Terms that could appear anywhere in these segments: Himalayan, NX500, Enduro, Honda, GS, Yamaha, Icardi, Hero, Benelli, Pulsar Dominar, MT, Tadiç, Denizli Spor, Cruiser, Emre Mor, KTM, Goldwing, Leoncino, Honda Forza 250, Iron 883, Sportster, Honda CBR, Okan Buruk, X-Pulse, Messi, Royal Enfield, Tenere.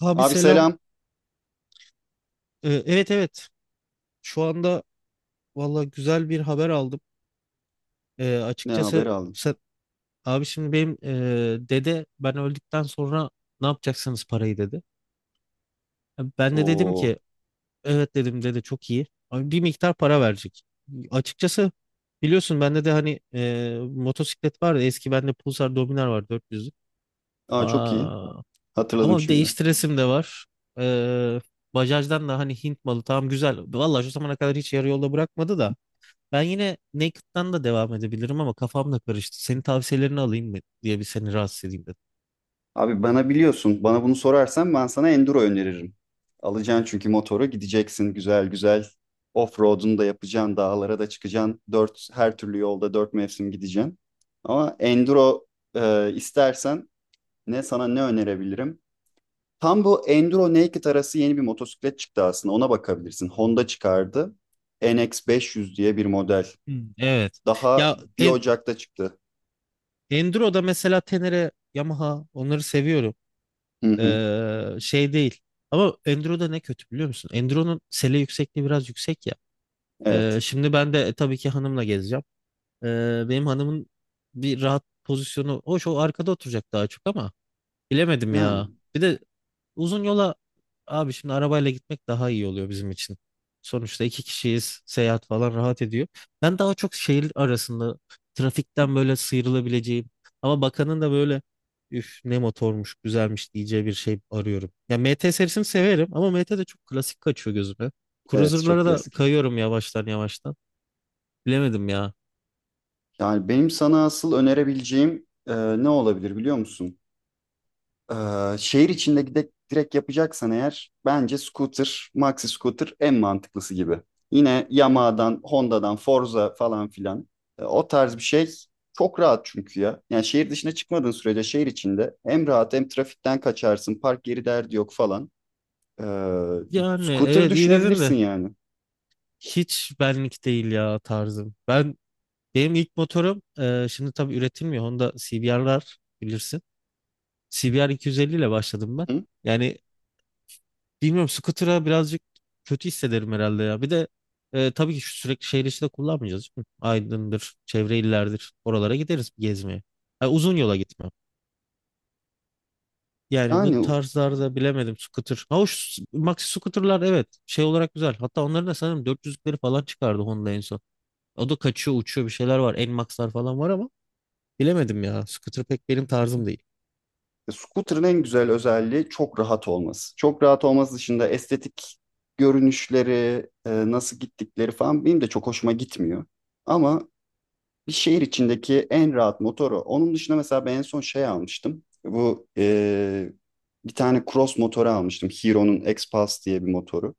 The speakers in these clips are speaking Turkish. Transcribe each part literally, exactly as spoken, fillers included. Abi Abi selam. selam. Ee, evet evet. Şu anda valla güzel bir haber aldım. Ee, Ne haber Açıkçası aldın? sen, abi şimdi benim e, dede ben öldükten sonra ne yapacaksınız parayı dedi. Ben de dedim Oo. ki evet dedim dede çok iyi. Abi bir miktar para verecek. Açıkçası biliyorsun bende de hani e, motosiklet vardı. Eski bende Pulsar Dominar var dört yüzlük. Aa çok iyi. Aa, Hatırladım ama şimdi. değiştiresim de var. Ee, Bajaj'dan da hani Hint malı tamam güzel. Valla şu zamana kadar hiç yarı yolda bırakmadı da. Ben yine Naked'dan da devam edebilirim ama kafam da karıştı. Senin tavsiyelerini alayım mı diye bir seni rahatsız edeyim dedim. Abi bana biliyorsun. Bana bunu sorarsan ben sana Enduro öneririm. Alacaksın çünkü motoru gideceksin güzel güzel. Off-road'unu da yapacaksın. Dağlara da çıkacaksın. Dört, her türlü yolda dört mevsim gideceksin. Ama Enduro e, istersen ne sana ne önerebilirim? Tam bu Enduro Naked arası yeni bir motosiklet çıktı aslında. Ona bakabilirsin. Honda çıkardı. N X beş yüz diye bir model. Hmm. Evet. Daha Ya bir en, Ocak'ta çıktı. Enduro'da mesela Tenere, Yamaha onları seviyorum. Hı hı, Ee, şey değil. Ama Enduro'da ne kötü biliyor musun? Enduro'nun sele yüksekliği biraz yüksek ya. Ee, evet. şimdi ben de e, tabii ki hanımla gezeceğim. Ee, benim hanımın bir rahat pozisyonu. Hoş o arkada oturacak daha çok ama bilemedim ya. Yani Bir de uzun yola abi şimdi arabayla gitmek daha iyi oluyor bizim için. Sonuçta iki kişiyiz. Seyahat falan rahat ediyor. Ben daha çok şehir arasında trafikten böyle sıyrılabileceğim ama bakanın da böyle üf ne motormuş güzelmiş diyeceği bir şey arıyorum. Ya M T serisini severim ama M T de çok klasik kaçıyor gözüme. evet çok Cruiser'lara da klasik. kayıyorum yavaştan yavaştan. Bilemedim ya. Yani benim sana asıl önerebileceğim e, ne olabilir biliyor musun? E, şehir içinde gidip direkt yapacaksan eğer bence scooter, maxi scooter en mantıklısı gibi. Yine Yamaha'dan, Honda'dan, Forza falan filan. E, o tarz bir şey çok rahat çünkü ya. Yani şehir dışına çıkmadığın sürece şehir içinde hem rahat hem trafikten kaçarsın. Park yeri derdi yok falan. E, Yani scooter evet iyi dedin düşünebilirsin de yani. hiç benlik değil ya tarzım. Ben Benim ilk motorum e, şimdi tabii üretilmiyor. Honda C B R'lar bilirsin. C B R iki yüz elli ile başladım ben. Hı? Yani bilmiyorum scooter'a birazcık kötü hissederim herhalde ya. Bir de e, tabii ki şu sürekli şehir içinde kullanmayacağız, değil mi? Aydın'dır, çevre illerdir. Oralara gideriz gezmeye. Yani uzun yola gitmem. Yani bu Yani tarzlarda bilemedim scooter. Ha hoş maxi scooter'lar evet şey olarak güzel. Hatta onların da sanırım dört yüzlükleri falan çıkardı Honda en son. O da kaçıyor uçuyor bir şeyler var. N-Max'lar falan var ama bilemedim ya. Scooter pek benim tarzım değil. E, Scooter'ın en güzel özelliği çok rahat olması. Çok rahat olması dışında estetik görünüşleri, e, nasıl gittikleri falan benim de çok hoşuma gitmiyor. Ama bir şehir içindeki en rahat motoru. Onun dışında mesela ben en son şey almıştım. Bu e, bir tane cross motoru almıştım. Hero'nun X-Pulse diye bir motoru.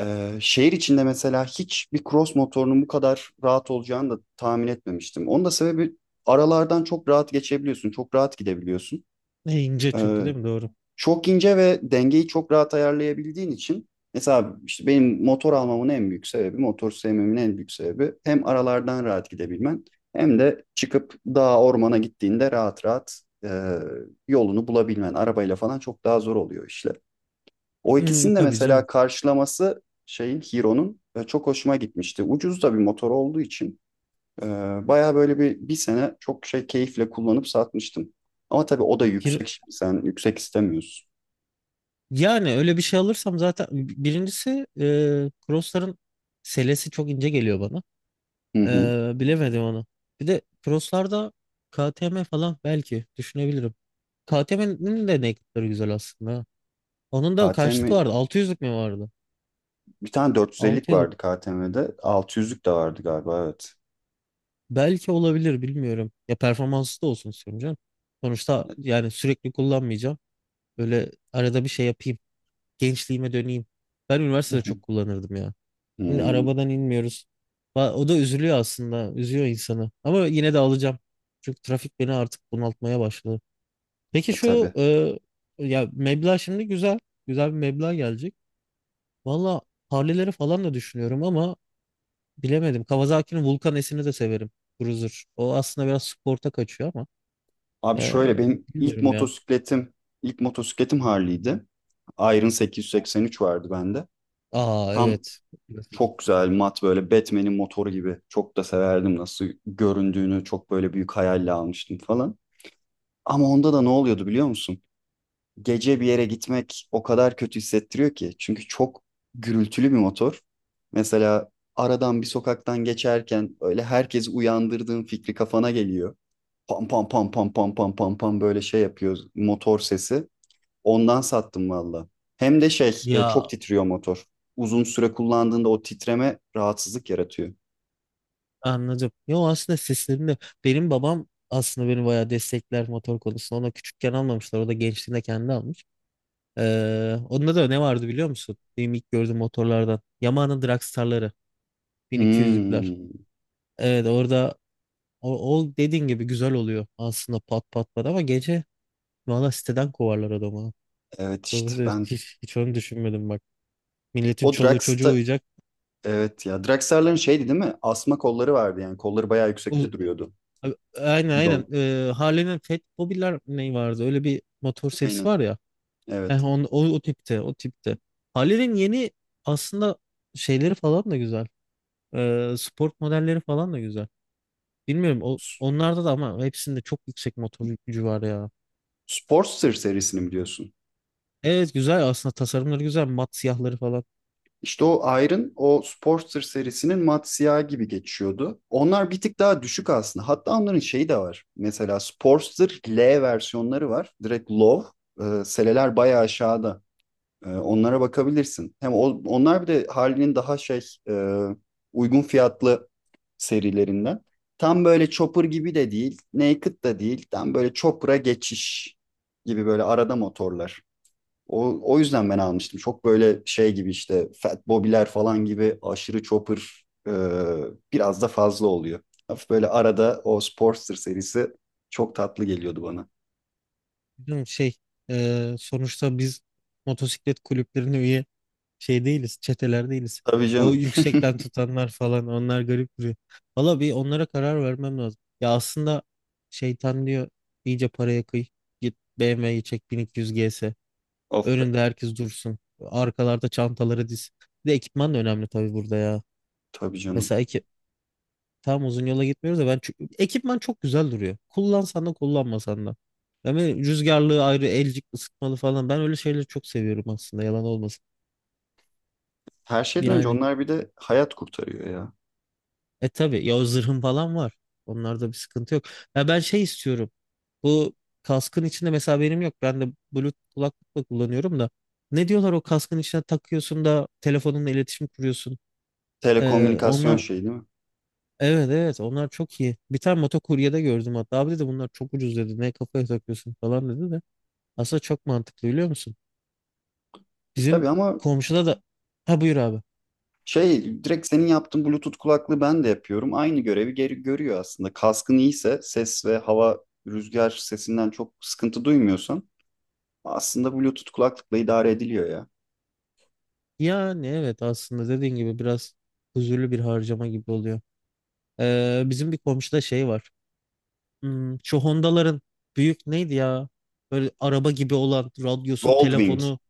E, şehir içinde mesela hiçbir cross motorunun bu kadar rahat olacağını da tahmin etmemiştim. Onun da sebebi aralardan çok rahat geçebiliyorsun, çok rahat gidebiliyorsun. E, ince çünkü Ee, değil mi? Doğru. çok ince ve dengeyi çok rahat ayarlayabildiğin için mesela işte benim motor almamın en büyük sebebi, motor sevmemin en büyük sebebi hem aralardan rahat gidebilmen hem de çıkıp dağa ormana gittiğinde rahat rahat e, yolunu bulabilmen. Arabayla falan çok daha zor oluyor işler. O Hmm, ikisinin de tabii mesela canım. karşılaması şeyin Hero'nun e, çok hoşuma gitmişti. Ucuz da bir motor olduğu için e, baya böyle bir, bir sene çok şey keyifle kullanıp satmıştım. Ama tabii o da Hir- yüksek. Sen yüksek istemiyorsun. Yani öyle bir şey alırsam zaten birincisi e, crossların selesi çok ince geliyor bana. Hı hı. E, bilemedim onu. Bir de crosslarda K T M falan belki düşünebilirim. K T M'nin de naked'ları güzel aslında, ha. Onun da kaçlık K T M vardı? altı yüzlük mi vardı? bir tane dört yüz ellilik altı yüzlük. vardı K T M'de. altı yüzlük de vardı galiba evet. Belki olabilir bilmiyorum. Ya performanslı da olsun istiyorum canım. Sonuçta yani sürekli kullanmayacağım. Böyle arada bir şey yapayım. Gençliğime döneyim. Ben üniversitede çok kullanırdım ya. Şimdi Hmm, arabadan inmiyoruz. Va- O da üzülüyor aslında. Üzüyor insanı. Ama yine de alacağım. Çünkü trafik beni artık bunaltmaya başladı. Peki e şu tabii. e, ya meblağ şimdi güzel. Güzel bir meblağ gelecek. Valla Harley'leri falan da düşünüyorum ama bilemedim. Kawasaki'nin Vulcan S'ini de severim. Cruiser. O aslında biraz sporta kaçıyor ama Abi e, şöyle benim ilk bilmiyorum ya. motosikletim ilk motosikletim Harley'di. Iron sekiz yüz seksen üç vardı bende. Aa Tam evet. Klasik. çok güzel mat böyle Batman'in motoru gibi. Çok da severdim nasıl göründüğünü. Çok böyle büyük hayalle almıştım falan. Ama onda da ne oluyordu biliyor musun? gece bir yere gitmek o kadar kötü hissettiriyor ki. Çünkü çok gürültülü bir motor. Mesela aradan bir sokaktan geçerken öyle herkesi uyandırdığın fikri kafana geliyor. Pam pam pam pam pam pam pam pam böyle şey yapıyor motor sesi. Ondan sattım valla. Hem de şey e, çok Ya titriyor motor. Uzun süre kullandığında o titreme rahatsızlık yaratıyor. anladım. Yo aslında seslerinde benim babam aslında beni bayağı destekler motor konusunda. Ona küçükken almamışlar. O da gençliğinde kendi almış. Ee, onda da ne vardı biliyor musun? Benim ilk gördüğüm motorlardan. Yamaha'nın Dragstar'ları. bin iki yüzlükler. Hmm, Evet orada o, o dediğin gibi güzel oluyor aslında pat pat pat ama gece valla siteden kovarlar adamı. evet işte Doğrusu ben hiç, hiç onu düşünmedim bak. Milletin o çoluğu çocuğu Drax'ta, uyuyacak. evet ya Drax'ların şeydi değil mi? Asma kolları vardı yani kolları bayağı yüksekte Uz- duruyordu. Aynen aynen. Gidon. Ee, Harley'nin Fat Bobby'ler ne vardı? Öyle bir motor serisi Aynen. var ya. Eh, Evet. on, o, o tipte, o tipte. Halil'in yeni aslında şeyleri falan da güzel. Ee, sport modelleri falan da güzel. Bilmiyorum o, S- onlarda da ama hepsinde çok yüksek motor gücü var ya. Sportster serisini mi diyorsun? Evet güzel aslında, tasarımları güzel. Mat siyahları falan. İşte o Iron, o Sportster serisinin mat siyah gibi geçiyordu. Onlar bir tık daha düşük aslında. Hatta onların şeyi de var. Mesela Sportster L versiyonları var. Direkt low. Ee, seleler bayağı aşağıda. Ee, onlara bakabilirsin. Hem o- onlar bir de Harley'nin daha şey e, uygun fiyatlı serilerinden. Tam böyle Chopper gibi de değil, Naked da değil. Tam böyle Chopper'a geçiş gibi böyle arada motorlar. O, o yüzden ben almıştım. Çok böyle şey gibi işte Fat Bobby'ler falan gibi aşırı Chopper e, biraz da fazla oluyor. Hafif böyle arada o Sportster serisi çok tatlı geliyordu bana. Bilmiyorum, şey e, sonuçta biz motosiklet kulüplerine üye şey değiliz, çeteler değiliz. Tabii O canım. yüksekten tutanlar falan onlar garip duruyor. Valla bir onlara karar vermem lazım. Ya aslında şeytan diyor iyice paraya kıy. Git B M W'yi çek, bin iki yüz G S. Of be. Önünde herkes dursun. Arkalarda çantaları diz. Bir de ekipman da önemli tabii burada ya. Tabii canım. Mesela ekip tam uzun yola gitmiyoruz da ben çü- ekipman çok güzel duruyor. Kullansan da kullanmasan da. Yani rüzgarlığı ayrı, elcik ısıtmalı falan. Ben öyle şeyleri çok seviyorum aslında, yalan olmasın. Her şeyden önce Yani onlar bir de hayat kurtarıyor ya. e tabii ya o zırhın falan var. Onlarda bir sıkıntı yok. Ya ben şey istiyorum. Bu kaskın içinde mesela benim yok. Ben de Bluetooth kulaklıkla kullanıyorum da. Ne diyorlar o kaskın içine takıyorsun da telefonunla iletişim kuruyorsun. Ee, Telekomünikasyon onlar şeyi değil mi? evet evet onlar çok iyi. Bir tane motokuryede gördüm hatta. Abi dedi bunlar çok ucuz dedi. Ne kafaya takıyorsun falan dedi de. Aslında çok mantıklı biliyor musun? E Bizim tabii ama komşuda da ha buyur abi. şey direkt senin yaptığın Bluetooth kulaklığı ben de yapıyorum. Aynı görevi geri görüyor aslında. Kaskın iyiyse ses ve hava rüzgar sesinden çok sıkıntı duymuyorsan aslında Bluetooth kulaklıkla idare ediliyor ya. Yani evet aslında dediğin gibi biraz huzurlu bir harcama gibi oluyor. Ee, bizim bir komşuda şey var. Hmm, şu Honda'ların büyük neydi ya? Böyle araba gibi olan radyosu, Goldwing. telefonu,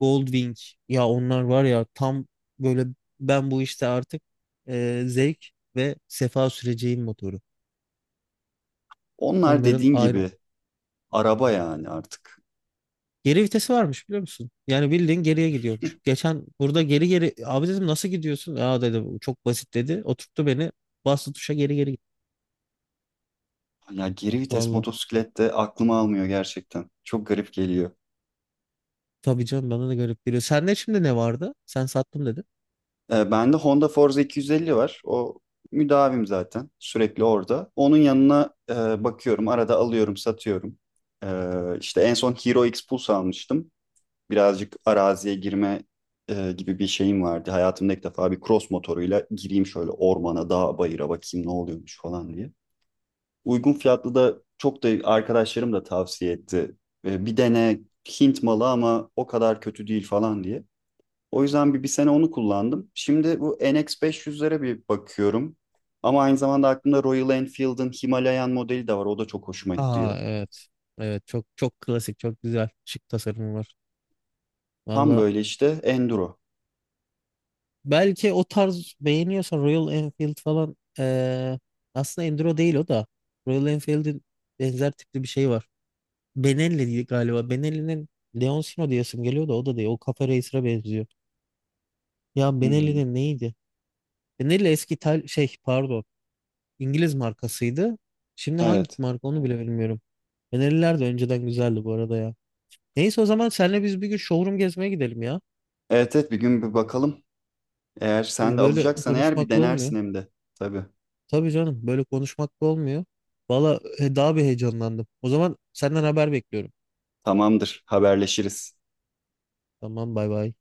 Goldwing. Ya onlar var ya tam böyle ben bu işte artık e, zevk ve sefa süreceğin motoru. Onlar Onların dediğin ayrı. gibi araba yani artık. Geri vitesi varmış biliyor musun? Yani bildiğin geriye gidiyormuş. Geçen burada geri geri abi dedim nasıl gidiyorsun? Aa dedi "Bu çok basit dedi. Oturttu beni bastı tuşa geri geri gitti. Ya geri vites Valla. motosiklet de aklıma almıyor gerçekten. Çok garip geliyor. Tabii canım, bana da garip geliyor. Sende şimdi ne vardı? Sen sattım dedin. E, bende Honda Forza iki yüz elli var. O müdavim zaten. Sürekli orada. Onun yanına e, bakıyorum. Arada alıyorum, satıyorum. E, işte en son Hero X Pulse almıştım. Birazcık araziye girme e, gibi bir şeyim vardı. Hayatımda ilk defa bir cross motoruyla gireyim şöyle ormana, dağa, bayıra bakayım ne oluyormuş falan diye. Uygun fiyatlı da çok da arkadaşlarım da tavsiye etti. E, bir dene Hint malı ama o kadar kötü değil falan diye. O yüzden bir, bir sene onu kullandım. Şimdi bu N X beş yüzlere bir bakıyorum. Ama aynı zamanda aklımda Royal Enfield'ın Himalayan modeli de var. O da çok hoşuma Aa gidiyor. evet. Evet çok çok klasik, çok güzel, şık tasarımı var. Tam Valla böyle işte enduro. belki o tarz beğeniyorsan Royal Enfield falan eee, aslında Enduro değil o da. Royal Enfield'in benzer tipli bir şey var. Benelli diye galiba. Benelli'nin Leoncino diyesim geliyor da o da değil. O Cafe Racer'a benziyor. Ya Hmm, Benelli'nin neydi? Benelli eski İtal şey, pardon, İngiliz markasıydı. Şimdi hangi evet. marka onu bile bilmiyorum. Benelliler de önceden güzeldi bu arada ya. Neyse o zaman senle biz bir gün showroom gezmeye gidelim ya. Evet evet bir gün bir bakalım. Eğer sen E, de Böyle alacaksan eğer bir konuşmakla olmuyor. denersin hem de. Tabii. Tabii canım, böyle konuşmakla olmuyor. Valla e, daha bir heyecanlandım. O zaman senden haber bekliyorum. Tamamdır. Haberleşiriz. Tamam, bay bay.